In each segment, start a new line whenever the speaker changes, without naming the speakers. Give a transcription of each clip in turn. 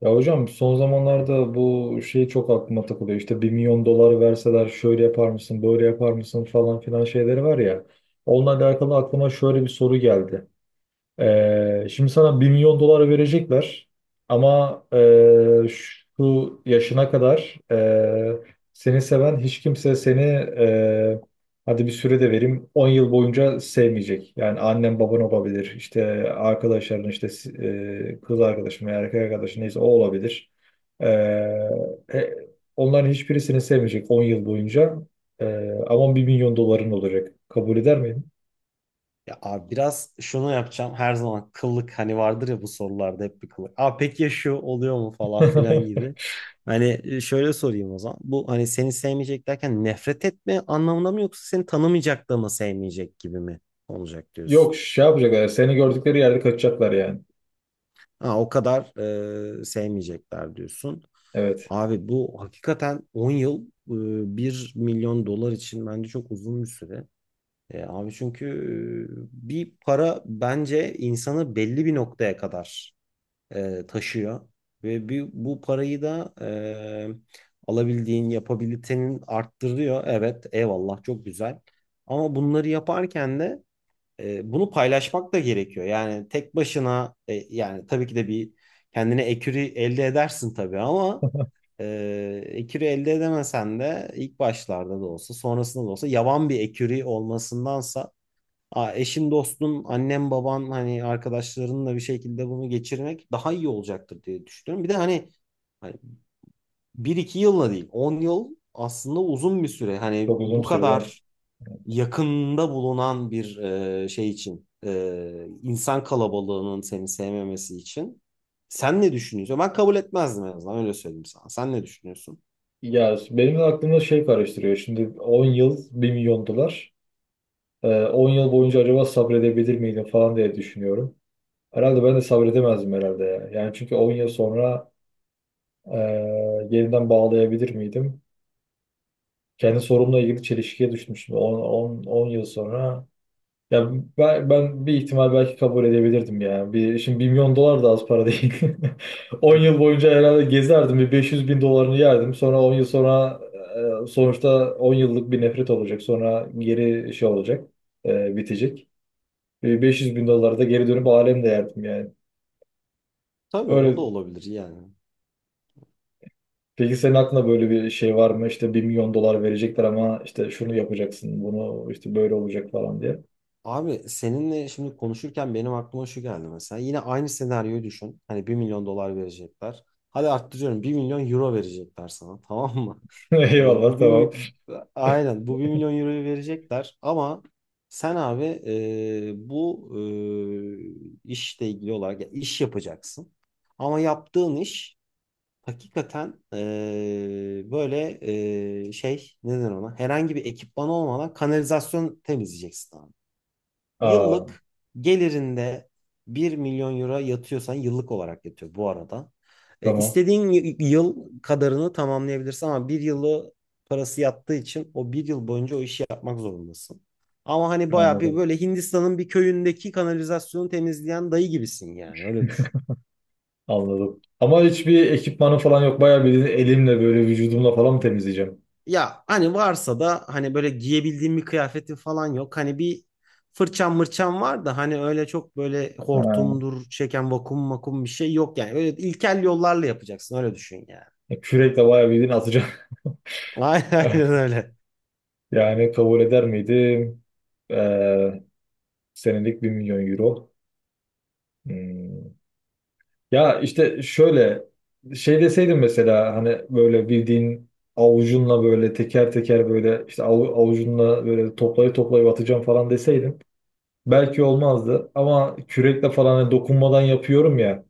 Ya hocam son zamanlarda bu şey çok aklıma takılıyor. İşte bir milyon dolar verseler şöyle yapar mısın, böyle yapar mısın falan filan şeyleri var ya. Onunla alakalı aklıma şöyle bir soru geldi. Şimdi sana bir milyon dolar verecekler ama şu yaşına kadar seni seven hiç kimse seni hadi bir süre de vereyim 10 yıl boyunca sevmeyecek. Yani annen baban olabilir, işte arkadaşların, işte kız arkadaşın veya erkek arkadaşın neyse o olabilir. Ee, e, Onların hiçbiri seni sevmeyecek 10 yıl boyunca. Ama bir milyon doların olacak. Kabul eder miydin?
Ya abi biraz şunu yapacağım. Her zaman kıllık hani vardır ya bu sorularda hep bir kıllık. Aa peki ya şu oluyor mu falan filan gibi. Hani şöyle sorayım o zaman. Bu hani seni sevmeyecek derken nefret etme anlamında mı yoksa seni tanımayacak da mı sevmeyecek gibi mi olacak
Yok,
diyorsun?
şey yapacaklar. Seni gördükleri yerde kaçacaklar yani.
Ha o kadar sevmeyecekler diyorsun.
Evet.
Abi bu hakikaten 10 yıl 1 milyon dolar için bence çok uzun bir süre. Abi çünkü bir para bence insanı belli bir noktaya kadar taşıyor ve bu parayı da alabildiğin yapabilitenin arttırıyor. Evet, eyvallah çok güzel. Ama bunları yaparken de bunu paylaşmak da gerekiyor. Yani tek başına yani tabii ki de bir kendine ekürü elde edersin tabii ama e, ekürü elde edemesen de ilk başlarda da olsa sonrasında da olsa yavan bir ekürü olmasındansa eşin, dostun, annen, baban hani arkadaşlarınla bir şekilde bunu geçirmek daha iyi olacaktır diye düşünüyorum. Bir de hani 1-2 yılla değil 10 yıl aslında uzun bir süre. Hani
Çok uzun
bu
sürede ama.
kadar yakında bulunan bir şey için insan kalabalığının seni sevmemesi için sen ne düşünüyorsun? Ben kabul etmezdim en azından öyle söyleyeyim sana. Sen ne düşünüyorsun?
Ya benim de aklımda şey karıştırıyor. Şimdi 10 yıl bir milyon dolar. 10 yıl boyunca acaba sabredebilir miydim falan diye düşünüyorum. Herhalde ben de sabredemezdim herhalde ya. Yani çünkü 10 yıl sonra e, yeniden bağlayabilir miydim? Kendi sorumla ilgili çelişkiye düşmüştüm. 10 yıl sonra ya ben bir ihtimal belki kabul edebilirdim yani. Bir, şimdi 1 milyon dolar da az para değil. 10 yıl boyunca herhalde gezerdim. Bir 500 bin dolarını yerdim. Sonra 10 yıl sonra, sonuçta 10 yıllık bir nefret olacak. Sonra geri şey olacak, bitecek. Bir 500 bin doları da geri dönüp alemle yerdim yani.
Tabii o da
Öyle.
olabilir yani.
Peki senin aklında böyle bir şey var mı? İşte bir milyon dolar verecekler ama işte şunu yapacaksın, bunu işte böyle olacak falan diye.
Abi seninle şimdi konuşurken benim aklıma şu geldi mesela. Yine aynı senaryoyu düşün. Hani 1 milyon dolar verecekler. Hadi arttırıyorum 1 milyon euro verecekler sana tamam mı? Ee,
Eyvallah,
bu bir,
tamam.
mi- aynen bu 1 milyon euroyu verecekler ama sen abi bu işle ilgili olarak ya iş yapacaksın. Ama yaptığın iş hakikaten böyle şey ne denir ona herhangi bir ekipman olmadan kanalizasyon temizleyeceksin.
Aa,
Yıllık gelirinde 1 milyon euro yatıyorsan yıllık olarak yatıyor bu arada.
tamam,
İstediğin yıl kadarını tamamlayabilirsin ama bir yılı parası yattığı için o bir yıl boyunca o işi yapmak zorundasın. Ama hani bayağı bir
anladım.
böyle Hindistan'ın bir köyündeki kanalizasyonu temizleyen dayı gibisin yani öyle düşün.
Anladım. Ama hiçbir ekipmanı falan yok. Bayağı bildiğin elimle böyle vücudumla falan mı temizleyeceğim?
Ya hani varsa da hani böyle giyebildiğim bir kıyafetim falan yok. Hani bir fırçam mırçam var da hani öyle çok böyle
Ha.
hortumdur çeken vakum makum bir şey yok yani. Öyle ilkel yollarla yapacaksın öyle düşün yani.
Kürekle bayağı bildiğin atacağım.
Aynen aynen öyle.
Yani kabul eder miydim? Ee, Senelik 1 milyon euro. Hmm. Ya işte şöyle şey deseydin mesela, hani böyle bildiğin avucunla böyle teker teker böyle işte avucunla böyle toplayı toplayıp atacağım falan deseydin belki olmazdı ama kürekle falan hani dokunmadan yapıyorum ya,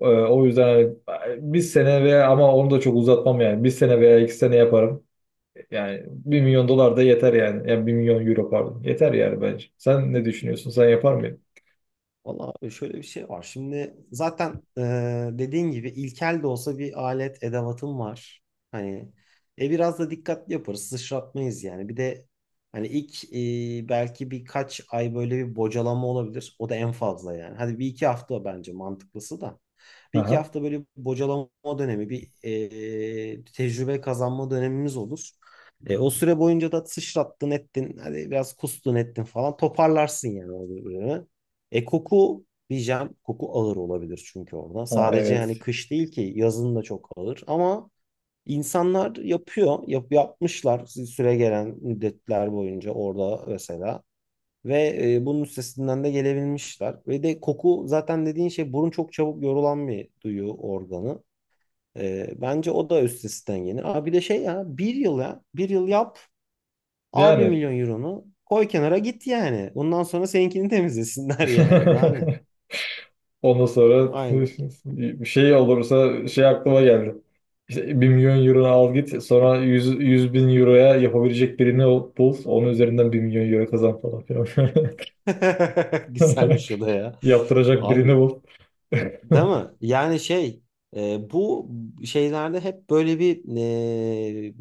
o yüzden hani bir sene veya, ama onu da çok uzatmam, yani bir sene veya iki sene yaparım, yani bir milyon dolar da yeter yani, yani bir milyon euro pardon yeter yani, bence sen ne düşünüyorsun, sen yapar mıydın?
Valla şöyle bir şey var. Şimdi zaten dediğin gibi ilkel de olsa bir alet edevatım var. Hani biraz da dikkatli yaparız. Sıçratmayız yani. Bir de hani ilk belki birkaç ay böyle bir bocalama olabilir. O da en fazla yani. Hadi bir iki hafta bence mantıklısı da. Bir iki
Aha.
hafta böyle bir bocalama dönemi, bir tecrübe kazanma dönemimiz olur. O süre boyunca da sıçrattın ettin, hadi biraz kustun ettin falan toparlarsın yani o bölümü. Koku diyeceğim. Koku ağır olabilir çünkü orada.
Ha,
Sadece
evet.
hani kış değil ki yazın da çok ağır. Ama insanlar yapıyor. Yapmışlar süre gelen müddetler boyunca orada mesela. Ve bunun üstesinden de gelebilmişler. Ve de koku zaten dediğin şey burun çok çabuk yorulan bir duyu organı. Bence o da üstesinden gelir. Aa, bir de şey ya bir yıl ya bir yıl yap al bir
Yani
milyon euronu koy kenara git yani. Bundan sonra seninkini temizlesinler yani daha ne.
ondan sonra
Aynen.
bir şey olursa şey aklıma geldi. İşte 1 milyon euro al git, sonra 100 100 bin euroya yapabilecek birini bul. Onun üzerinden bir milyon euro kazan falan filan.
Güzelmiş o da ya.
Yaptıracak birini
Abi
bul.
değil mi? Yani şey bu şeylerde hep böyle bir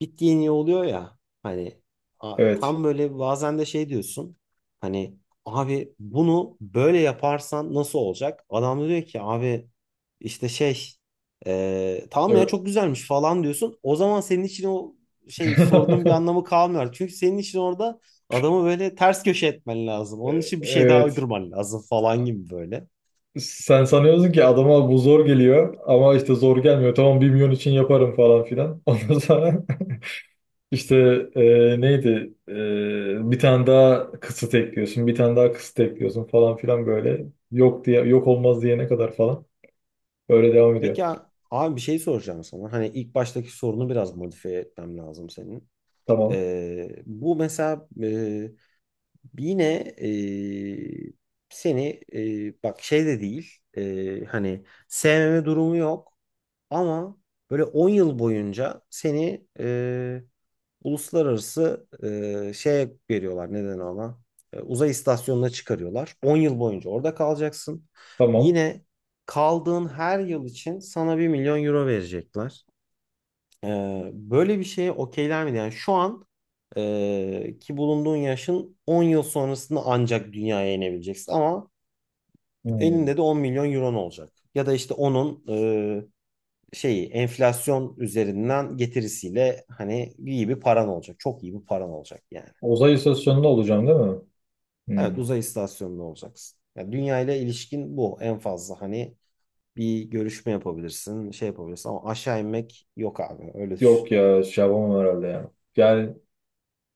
bittiğin iyi oluyor ya hani
Evet.
tam böyle bazen de şey diyorsun hani abi bunu böyle yaparsan nasıl olacak? Adam da diyor ki abi işte şey tamam ya çok
Evet.
güzelmiş falan diyorsun. O zaman senin için o şey sorunun bir anlamı kalmıyor. Çünkü senin için orada adamı böyle ters köşe etmen lazım. Onun için bir şey daha
Evet.
uydurman lazım falan gibi böyle.
Sen sanıyorsun ki adama bu zor geliyor ama işte zor gelmiyor. Tamam, bir milyon için yaparım falan filan. Ondan sonra İşte bir tane daha kısıt ekliyorsun, bir tane daha kısıt ekliyorsun falan filan, böyle yok diye, yok olmaz diyene kadar falan böyle devam ediyor.
Peki abi bir şey soracağım sana. Hani ilk baştaki sorunu biraz modifiye etmem lazım senin.
Tamam,
Bu mesela yine seni bak şey de değil hani sevmeme durumu yok ama böyle 10 yıl boyunca seni uluslararası şeye veriyorlar neden ona. Uzay istasyonuna çıkarıyorlar 10 yıl boyunca orada kalacaksın
tamam.
yine kaldığın her yıl için sana 1 milyon euro verecekler. Böyle bir şeye okeyler miydi? Yani şu an ki bulunduğun yaşın 10 yıl sonrasında ancak dünyaya inebileceksin ama
Hmm.
elinde de 10 milyon euron olacak. Ya da işte onun şeyi enflasyon üzerinden getirisiyle hani iyi bir paran olacak. Çok iyi bir paran olacak yani.
Uzay istasyonunda olacağım değil mi? Hmm.
Evet uzay istasyonunda olacaksın. Yani dünya ile ilişkin bu en fazla hani bir görüşme yapabilirsin, şey yapabilirsin ama aşağı inmek yok abi öyle düşün.
Yok ya, şey yapamam herhalde ya. Yani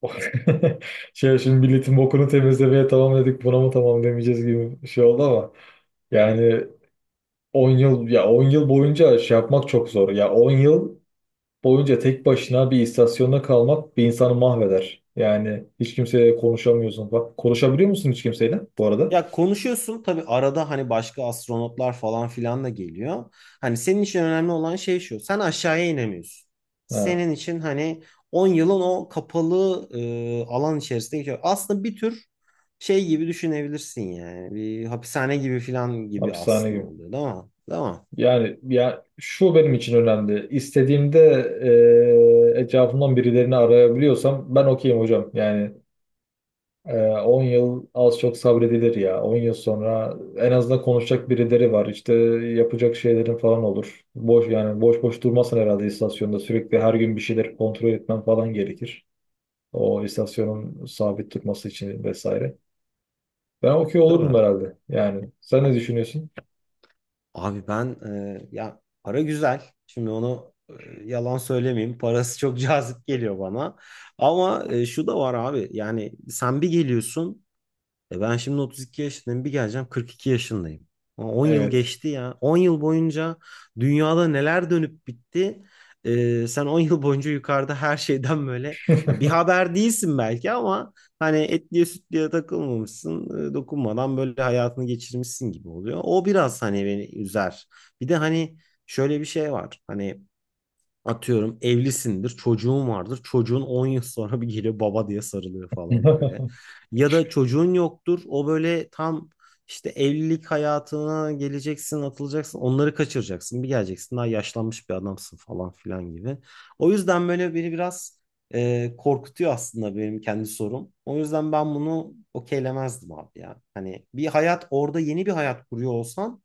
şey, şimdi milletin bokunu temizlemeye tamam dedik, buna mı tamam demeyeceğiz gibi bir şey oldu ama yani 10 yıl, ya 10 yıl boyunca şey yapmak çok zor. Ya 10 yıl boyunca tek başına bir istasyonda kalmak bir insanı mahveder. Yani hiç kimseyle konuşamıyorsun. Bak konuşabiliyor musun hiç kimseyle bu arada?
Ya konuşuyorsun tabii arada hani başka astronotlar falan filan da geliyor. Hani senin için önemli olan şey şu. Sen aşağıya inemiyorsun.
Ha,
Senin için hani 10 yılın o kapalı alan içerisinde geçiyor. Aslında bir tür şey gibi düşünebilirsin yani. Bir hapishane gibi filan gibi
hapishane
aslında
gibi.
oluyor değil mi? Değil mi?
Yani ya şu benim için önemli. İstediğimde etrafımdan birilerini arayabiliyorsam ben okeyim hocam. Yani 10 yıl az çok sabredilir ya. 10 yıl sonra en azından konuşacak birileri var. İşte yapacak şeylerin falan olur. Boş yani, boş boş durmasın herhalde istasyonda. Sürekli her gün bir şeyler kontrol etmen falan gerekir. O istasyonun sabit durması için vesaire. Ben okey olurdum
Tabii.
herhalde. Yani sen ne düşünüyorsun?
Abi ben ya para güzel. Şimdi onu yalan söylemeyeyim. Parası çok cazip geliyor bana. Ama şu da var abi. Yani sen bir geliyorsun. Ben şimdi 32 yaşındayım bir geleceğim 42 yaşındayım. Ama 10 yıl
Evet.
geçti ya. 10 yıl boyunca dünyada neler dönüp bitti. Sen 10 yıl boyunca yukarıda her şeyden böyle ya bir haber değilsin belki ama hani etliye sütlüye takılmamışsın. Dokunmadan böyle hayatını geçirmişsin gibi oluyor. O biraz hani beni üzer. Bir de hani şöyle bir şey var. Hani atıyorum evlisindir, çocuğun vardır. Çocuğun 10 yıl sonra bir geliyor baba diye sarılıyor falan böyle. Ya da çocuğun yoktur. O böyle tam işte evlilik hayatına geleceksin, atılacaksın. Onları kaçıracaksın. Bir geleceksin daha yaşlanmış bir adamsın falan filan gibi. O yüzden böyle beni biraz korkutuyor aslında benim kendi sorum. O yüzden ben bunu okeylemezdim abi ya. Hani bir hayat orada yeni bir hayat kuruyor olsan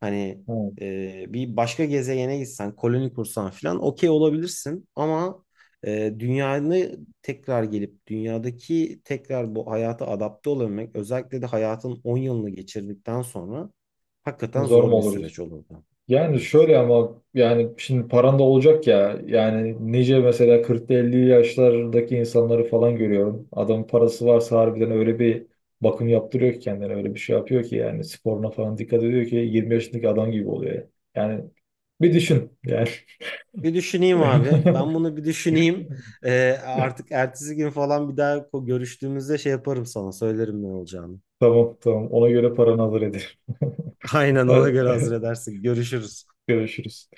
hani
Ha,
bir başka gezegene gitsen, koloni kursan falan okey olabilirsin ama dünyanı tekrar gelip dünyadaki tekrar bu hayata adapte olabilmek özellikle de hayatın 10 yılını geçirdikten sonra hakikaten
zor mu
zor bir
oluruz?
süreç olurdu.
Yani şöyle, ama yani şimdi paran da olacak ya. Yani nice mesela kırk, elli yaşlardaki insanları falan görüyorum. Adamın parası varsa harbiden öyle bir bakım yaptırıyor ki kendine, öyle bir şey yapıyor ki yani, sporuna falan dikkat ediyor ki 20 yaşındaki adam gibi oluyor. Yani bir düşün yani.
Bir düşüneyim abi. Ben bunu bir düşüneyim. Artık ertesi gün falan bir daha görüştüğümüzde şey yaparım sana söylerim ne olacağını.
Tamam, tamam, ona göre paranı hazır
Aynen ona göre hazır
hadi,
edersin. Görüşürüz.
görüşürüz.